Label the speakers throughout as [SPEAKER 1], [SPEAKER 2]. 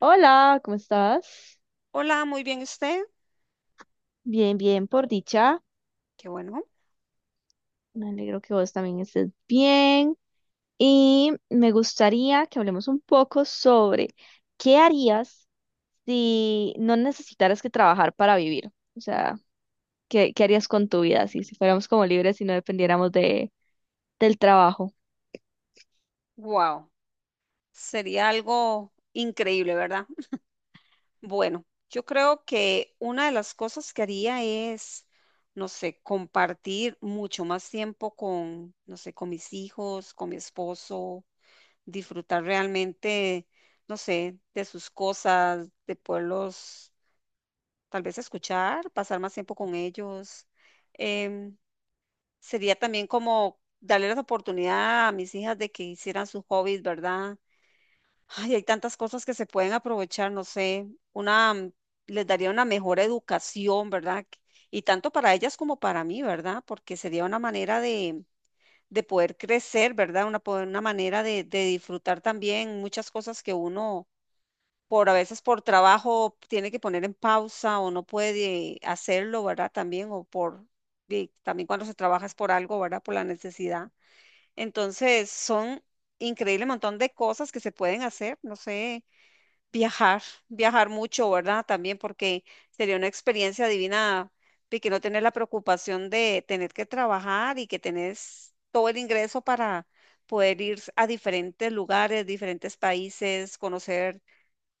[SPEAKER 1] Hola, ¿cómo estás?
[SPEAKER 2] Hola, muy bien usted.
[SPEAKER 1] Bien, bien, por dicha.
[SPEAKER 2] Qué bueno.
[SPEAKER 1] Me alegro que vos también estés bien. Y me gustaría que hablemos un poco sobre qué harías si no necesitaras que trabajar para vivir. O sea, ¿qué harías con tu vida si fuéramos como libres y no dependiéramos del trabajo?
[SPEAKER 2] Wow, sería algo increíble, ¿verdad? Bueno, yo creo que una de las cosas que haría es, no sé, compartir mucho más tiempo con, no sé, con mis hijos, con mi esposo, disfrutar realmente, no sé, de sus cosas, de poderlos tal vez escuchar, pasar más tiempo con ellos. Em, Sería también como darle la oportunidad a mis hijas de que hicieran sus hobbies, ¿verdad? Ay, hay tantas cosas que se pueden aprovechar, no sé, una, les daría una mejor educación, ¿verdad? Y tanto para ellas como para mí, ¿verdad? Porque sería una manera de poder crecer, ¿verdad? Una, una manera de disfrutar también muchas cosas que uno por a veces por trabajo tiene que poner en pausa o no puede hacerlo, ¿verdad? También, y también cuando se trabaja es por algo, ¿verdad? Por la necesidad. Entonces, son increíble montón de cosas que se pueden hacer, no sé, viajar, viajar mucho, ¿verdad? También porque sería una experiencia divina y que no tener la preocupación de tener que trabajar y que tenés todo el ingreso para poder ir a diferentes lugares, diferentes países, conocer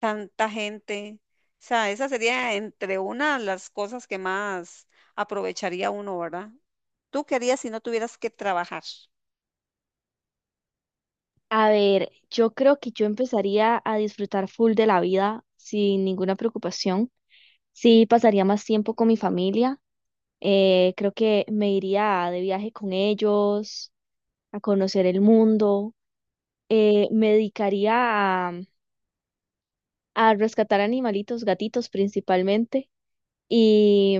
[SPEAKER 2] tanta gente. O sea, esa sería entre una de las cosas que más aprovecharía uno, ¿verdad? ¿Tú querías si no tuvieras que trabajar?
[SPEAKER 1] A ver, yo creo que yo empezaría a disfrutar full de la vida sin ninguna preocupación. Sí, pasaría más tiempo con mi familia. Creo que me iría de viaje con ellos, a conocer el mundo. Me dedicaría a, a rescatar animalitos, gatitos principalmente, y,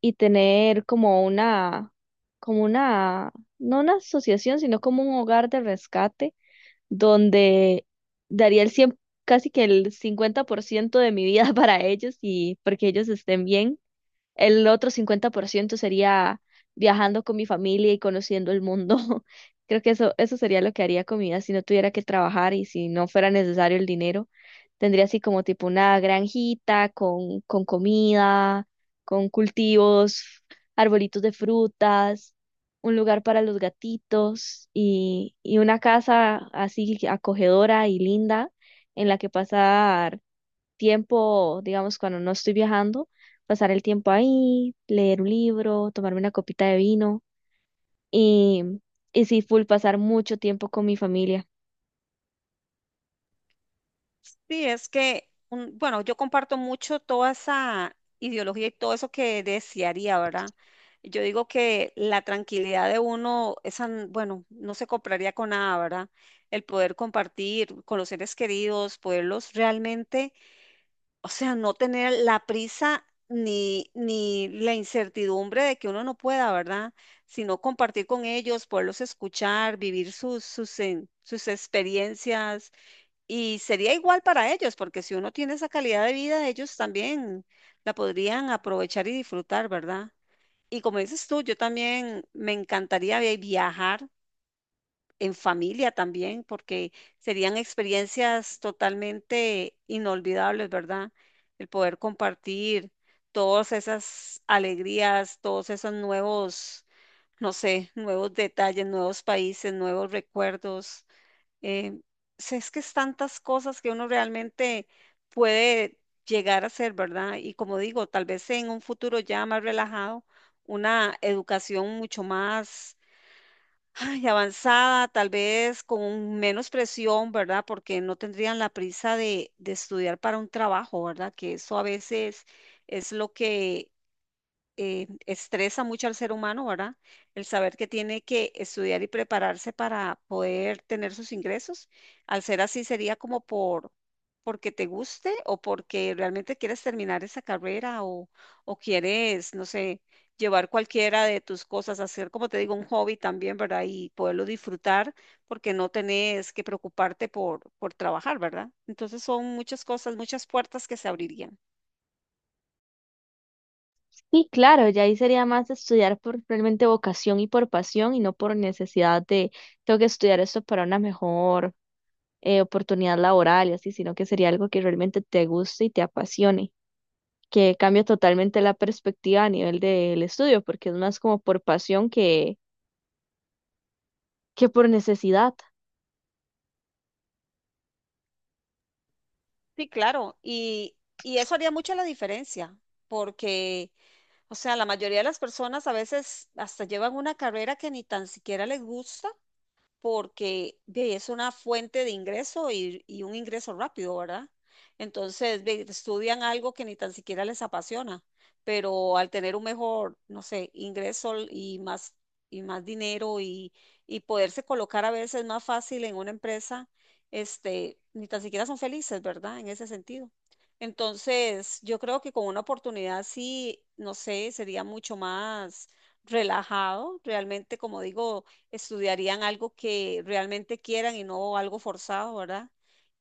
[SPEAKER 1] y tener como una, no una asociación, sino como un hogar de rescate donde daría el 100, casi que el 50% de mi vida para ellos y porque ellos estén bien. El otro 50% sería viajando con mi familia y conociendo el mundo. Creo que eso sería lo que haría con mi vida si no tuviera que trabajar y si no fuera necesario el dinero. Tendría así como tipo una granjita con comida, con cultivos, arbolitos de frutas, un lugar para los gatitos y una casa así acogedora y linda en la que pasar tiempo, digamos, cuando no estoy viajando, pasar el tiempo ahí, leer un libro, tomarme una copita de vino y, y sí, full pasar mucho tiempo con mi familia.
[SPEAKER 2] Sí, es que, bueno, yo comparto mucho toda esa ideología y todo eso que desearía, ¿verdad? Yo digo que la tranquilidad de uno, esa, bueno, no se compraría con nada, ¿verdad? El poder compartir con los seres queridos, poderlos realmente. O sea, no tener la prisa ni la incertidumbre de que uno no pueda, ¿verdad? Sino compartir con ellos, poderlos escuchar, vivir sus, sus experiencias. Y sería igual para ellos, porque si uno tiene esa calidad de vida, ellos también la podrían aprovechar y disfrutar, ¿verdad? Y como dices tú, yo también me encantaría viajar en familia también, porque serían experiencias totalmente inolvidables, ¿verdad? El poder compartir todas esas alegrías, todos esos nuevos, no sé, nuevos detalles, nuevos países, nuevos recuerdos. Eh, si es que es tantas cosas que uno realmente puede llegar a hacer, ¿verdad? Y como digo, tal vez en un futuro ya más relajado, una educación mucho más, ay, avanzada, tal vez con menos presión, ¿verdad? Porque no tendrían la prisa de estudiar para un trabajo, ¿verdad? Que eso a veces es lo que estresa mucho al ser humano, ¿verdad? El saber que tiene que estudiar y prepararse para poder tener sus ingresos. Al ser así, sería como porque te guste o porque realmente quieres terminar esa carrera o quieres, no sé, llevar cualquiera de tus cosas, hacer, como te digo, un hobby también, ¿verdad? Y poderlo disfrutar porque no tenés que preocuparte por trabajar, ¿verdad? Entonces son muchas cosas, muchas puertas que se abrirían.
[SPEAKER 1] Y claro, ya ahí sería más estudiar por realmente vocación y por pasión y no por necesidad de tengo que estudiar esto para una mejor oportunidad laboral y así, sino que sería algo que realmente te guste y te apasione, que cambia totalmente la perspectiva a nivel del estudio, porque es más como por pasión que por necesidad.
[SPEAKER 2] Sí, claro, y eso haría mucha la diferencia, porque, o sea, la mayoría de las personas a veces hasta llevan una carrera que ni tan siquiera les gusta porque ve, es una fuente de ingreso y un ingreso rápido, ¿verdad? Entonces, ve, estudian algo que ni tan siquiera les apasiona, pero al tener un mejor, no sé, ingreso y más dinero y poderse colocar a veces más fácil en una empresa, este, ni tan siquiera son felices, ¿verdad? En ese sentido. Entonces, yo creo que con una oportunidad sí, no sé, sería mucho más relajado, realmente, como digo, estudiarían algo que realmente quieran y no algo forzado, ¿verdad?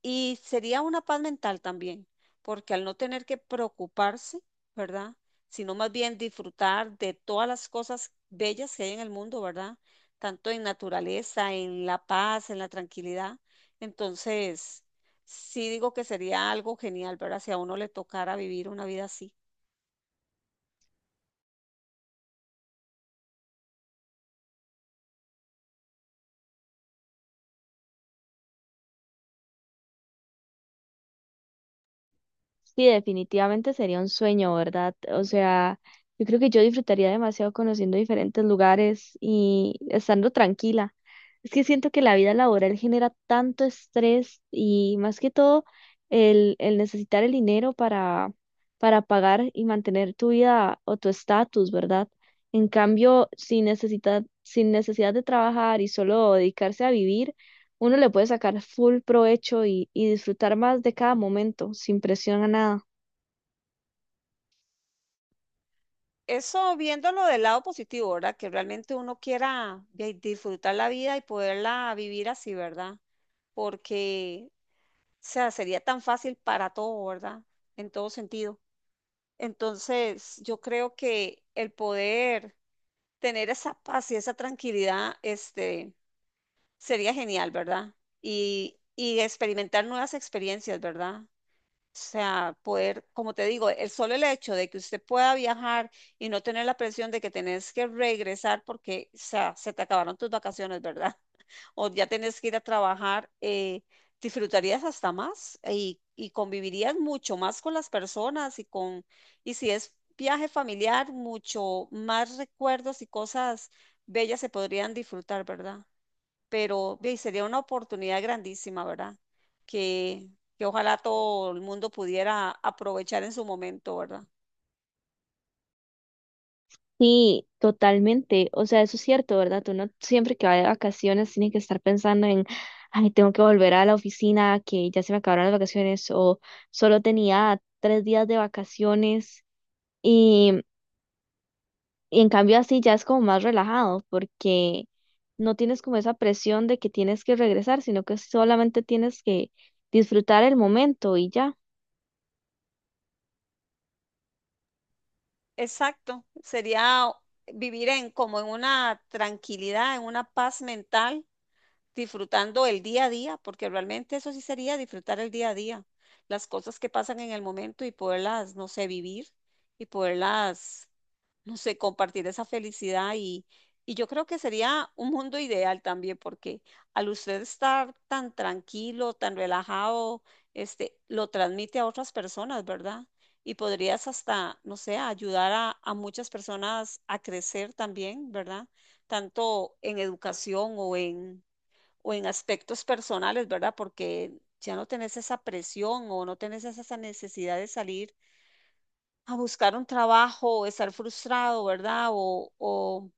[SPEAKER 2] Y sería una paz mental también, porque al no tener que preocuparse, ¿verdad? Sino más bien disfrutar de todas las cosas bellas que hay en el mundo, ¿verdad? Tanto en naturaleza, en la paz, en la tranquilidad. Entonces, sí digo que sería algo genial, ¿verdad? Si a uno le tocara vivir una vida así.
[SPEAKER 1] Sí, definitivamente sería un sueño, ¿verdad? O sea, yo creo que yo disfrutaría demasiado conociendo diferentes lugares y estando tranquila. Es que siento que la vida laboral genera tanto estrés y más que todo el necesitar el dinero para pagar y mantener tu vida o tu estatus, ¿verdad? En cambio, sin necesidad, sin necesidad de trabajar y solo dedicarse a vivir, uno le puede sacar full provecho y disfrutar más de cada momento, sin presión a nada.
[SPEAKER 2] Eso viéndolo del lado positivo, ¿verdad? Que realmente uno quiera disfrutar la vida y poderla vivir así, ¿verdad? Porque, o sea, sería tan fácil para todo, ¿verdad? En todo sentido. Entonces, yo creo que el poder tener esa paz y esa tranquilidad, este, sería genial, ¿verdad? Y experimentar nuevas experiencias, ¿verdad? O sea, poder, como te digo, el solo el hecho de que usted pueda viajar y no tener la presión de que tenés que regresar porque, o sea, se te acabaron tus vacaciones, ¿verdad? O ya tenés que ir a trabajar, disfrutarías hasta más y convivirías mucho más con las personas y con, y si es viaje familiar, mucho más recuerdos y cosas bellas se podrían disfrutar, ¿verdad? Pero ve, sería una oportunidad grandísima, ¿verdad? Que, que ojalá todo el mundo pudiera aprovechar en su momento, ¿verdad?
[SPEAKER 1] Sí, totalmente. O sea, eso es cierto, ¿verdad? Uno siempre que va de vacaciones tiene que estar pensando en, ay, tengo que volver a la oficina, que ya se me acabaron las vacaciones, o solo tenía 3 días de vacaciones. Y, y en cambio así ya es como más relajado, porque no tienes como esa presión de que tienes que regresar, sino que solamente tienes que disfrutar el momento y ya.
[SPEAKER 2] Exacto, sería vivir en como en una tranquilidad, en una paz mental disfrutando el día a día, porque realmente eso sí sería disfrutar el día a día, las cosas que pasan en el momento y poderlas, no sé, vivir y poderlas, no sé, compartir esa felicidad y yo creo que sería un mundo ideal también, porque al usted estar tan tranquilo, tan relajado, este, lo transmite a otras personas, ¿verdad? Y podrías hasta, no sé, ayudar a muchas personas a crecer también, ¿verdad? Tanto en educación o en aspectos personales, ¿verdad? Porque ya no tenés esa presión o no tenés esa necesidad de salir a buscar un trabajo o estar frustrado, ¿verdad?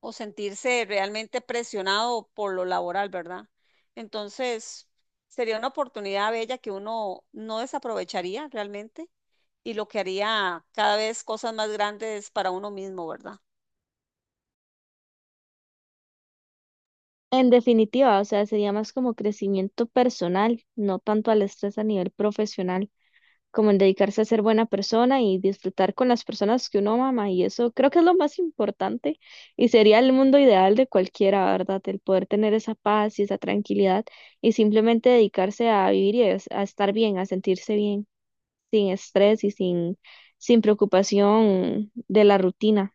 [SPEAKER 2] O sentirse realmente presionado por lo laboral, ¿verdad? Entonces, sería una oportunidad bella que uno no desaprovecharía realmente y lo que haría cada vez cosas más grandes para uno mismo, ¿verdad?
[SPEAKER 1] En definitiva, o sea, sería más como crecimiento personal, no tanto al estrés a nivel profesional, como en dedicarse a ser buena persona y disfrutar con las personas que uno ama, y eso creo que es lo más importante, y sería el mundo ideal de cualquiera, ¿verdad? El poder tener esa paz y esa tranquilidad y simplemente dedicarse a vivir y a estar bien, a sentirse bien, sin estrés y sin, sin preocupación de la rutina.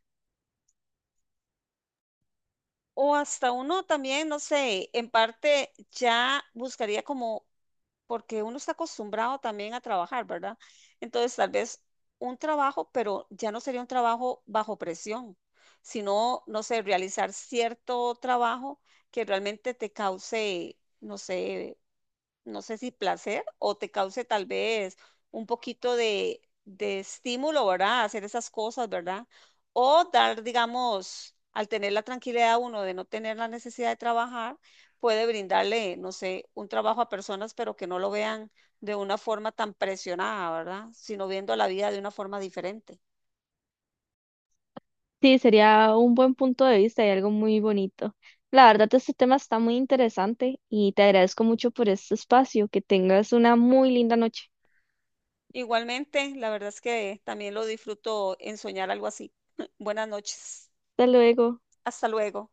[SPEAKER 2] O hasta uno también, no sé, en parte ya buscaría como porque uno está acostumbrado también a trabajar, ¿verdad? Entonces, tal vez un trabajo, pero ya no sería un trabajo bajo presión, sino, no sé, realizar cierto trabajo que realmente te cause, no sé, no sé si placer o te cause tal vez un poquito de estímulo, ¿verdad? Hacer esas cosas, ¿verdad? O dar, digamos, al tener la tranquilidad uno de no tener la necesidad de trabajar, puede brindarle, no sé, un trabajo a personas, pero que no lo vean de una forma tan presionada, ¿verdad? Sino viendo la vida de una forma diferente.
[SPEAKER 1] Sí, sería un buen punto de vista y algo muy bonito. La verdad, este tema está muy interesante y te agradezco mucho por este espacio. Que tengas una muy linda noche.
[SPEAKER 2] Igualmente, la verdad es que también lo disfruto en soñar algo así. Buenas noches.
[SPEAKER 1] Hasta luego.
[SPEAKER 2] Hasta luego.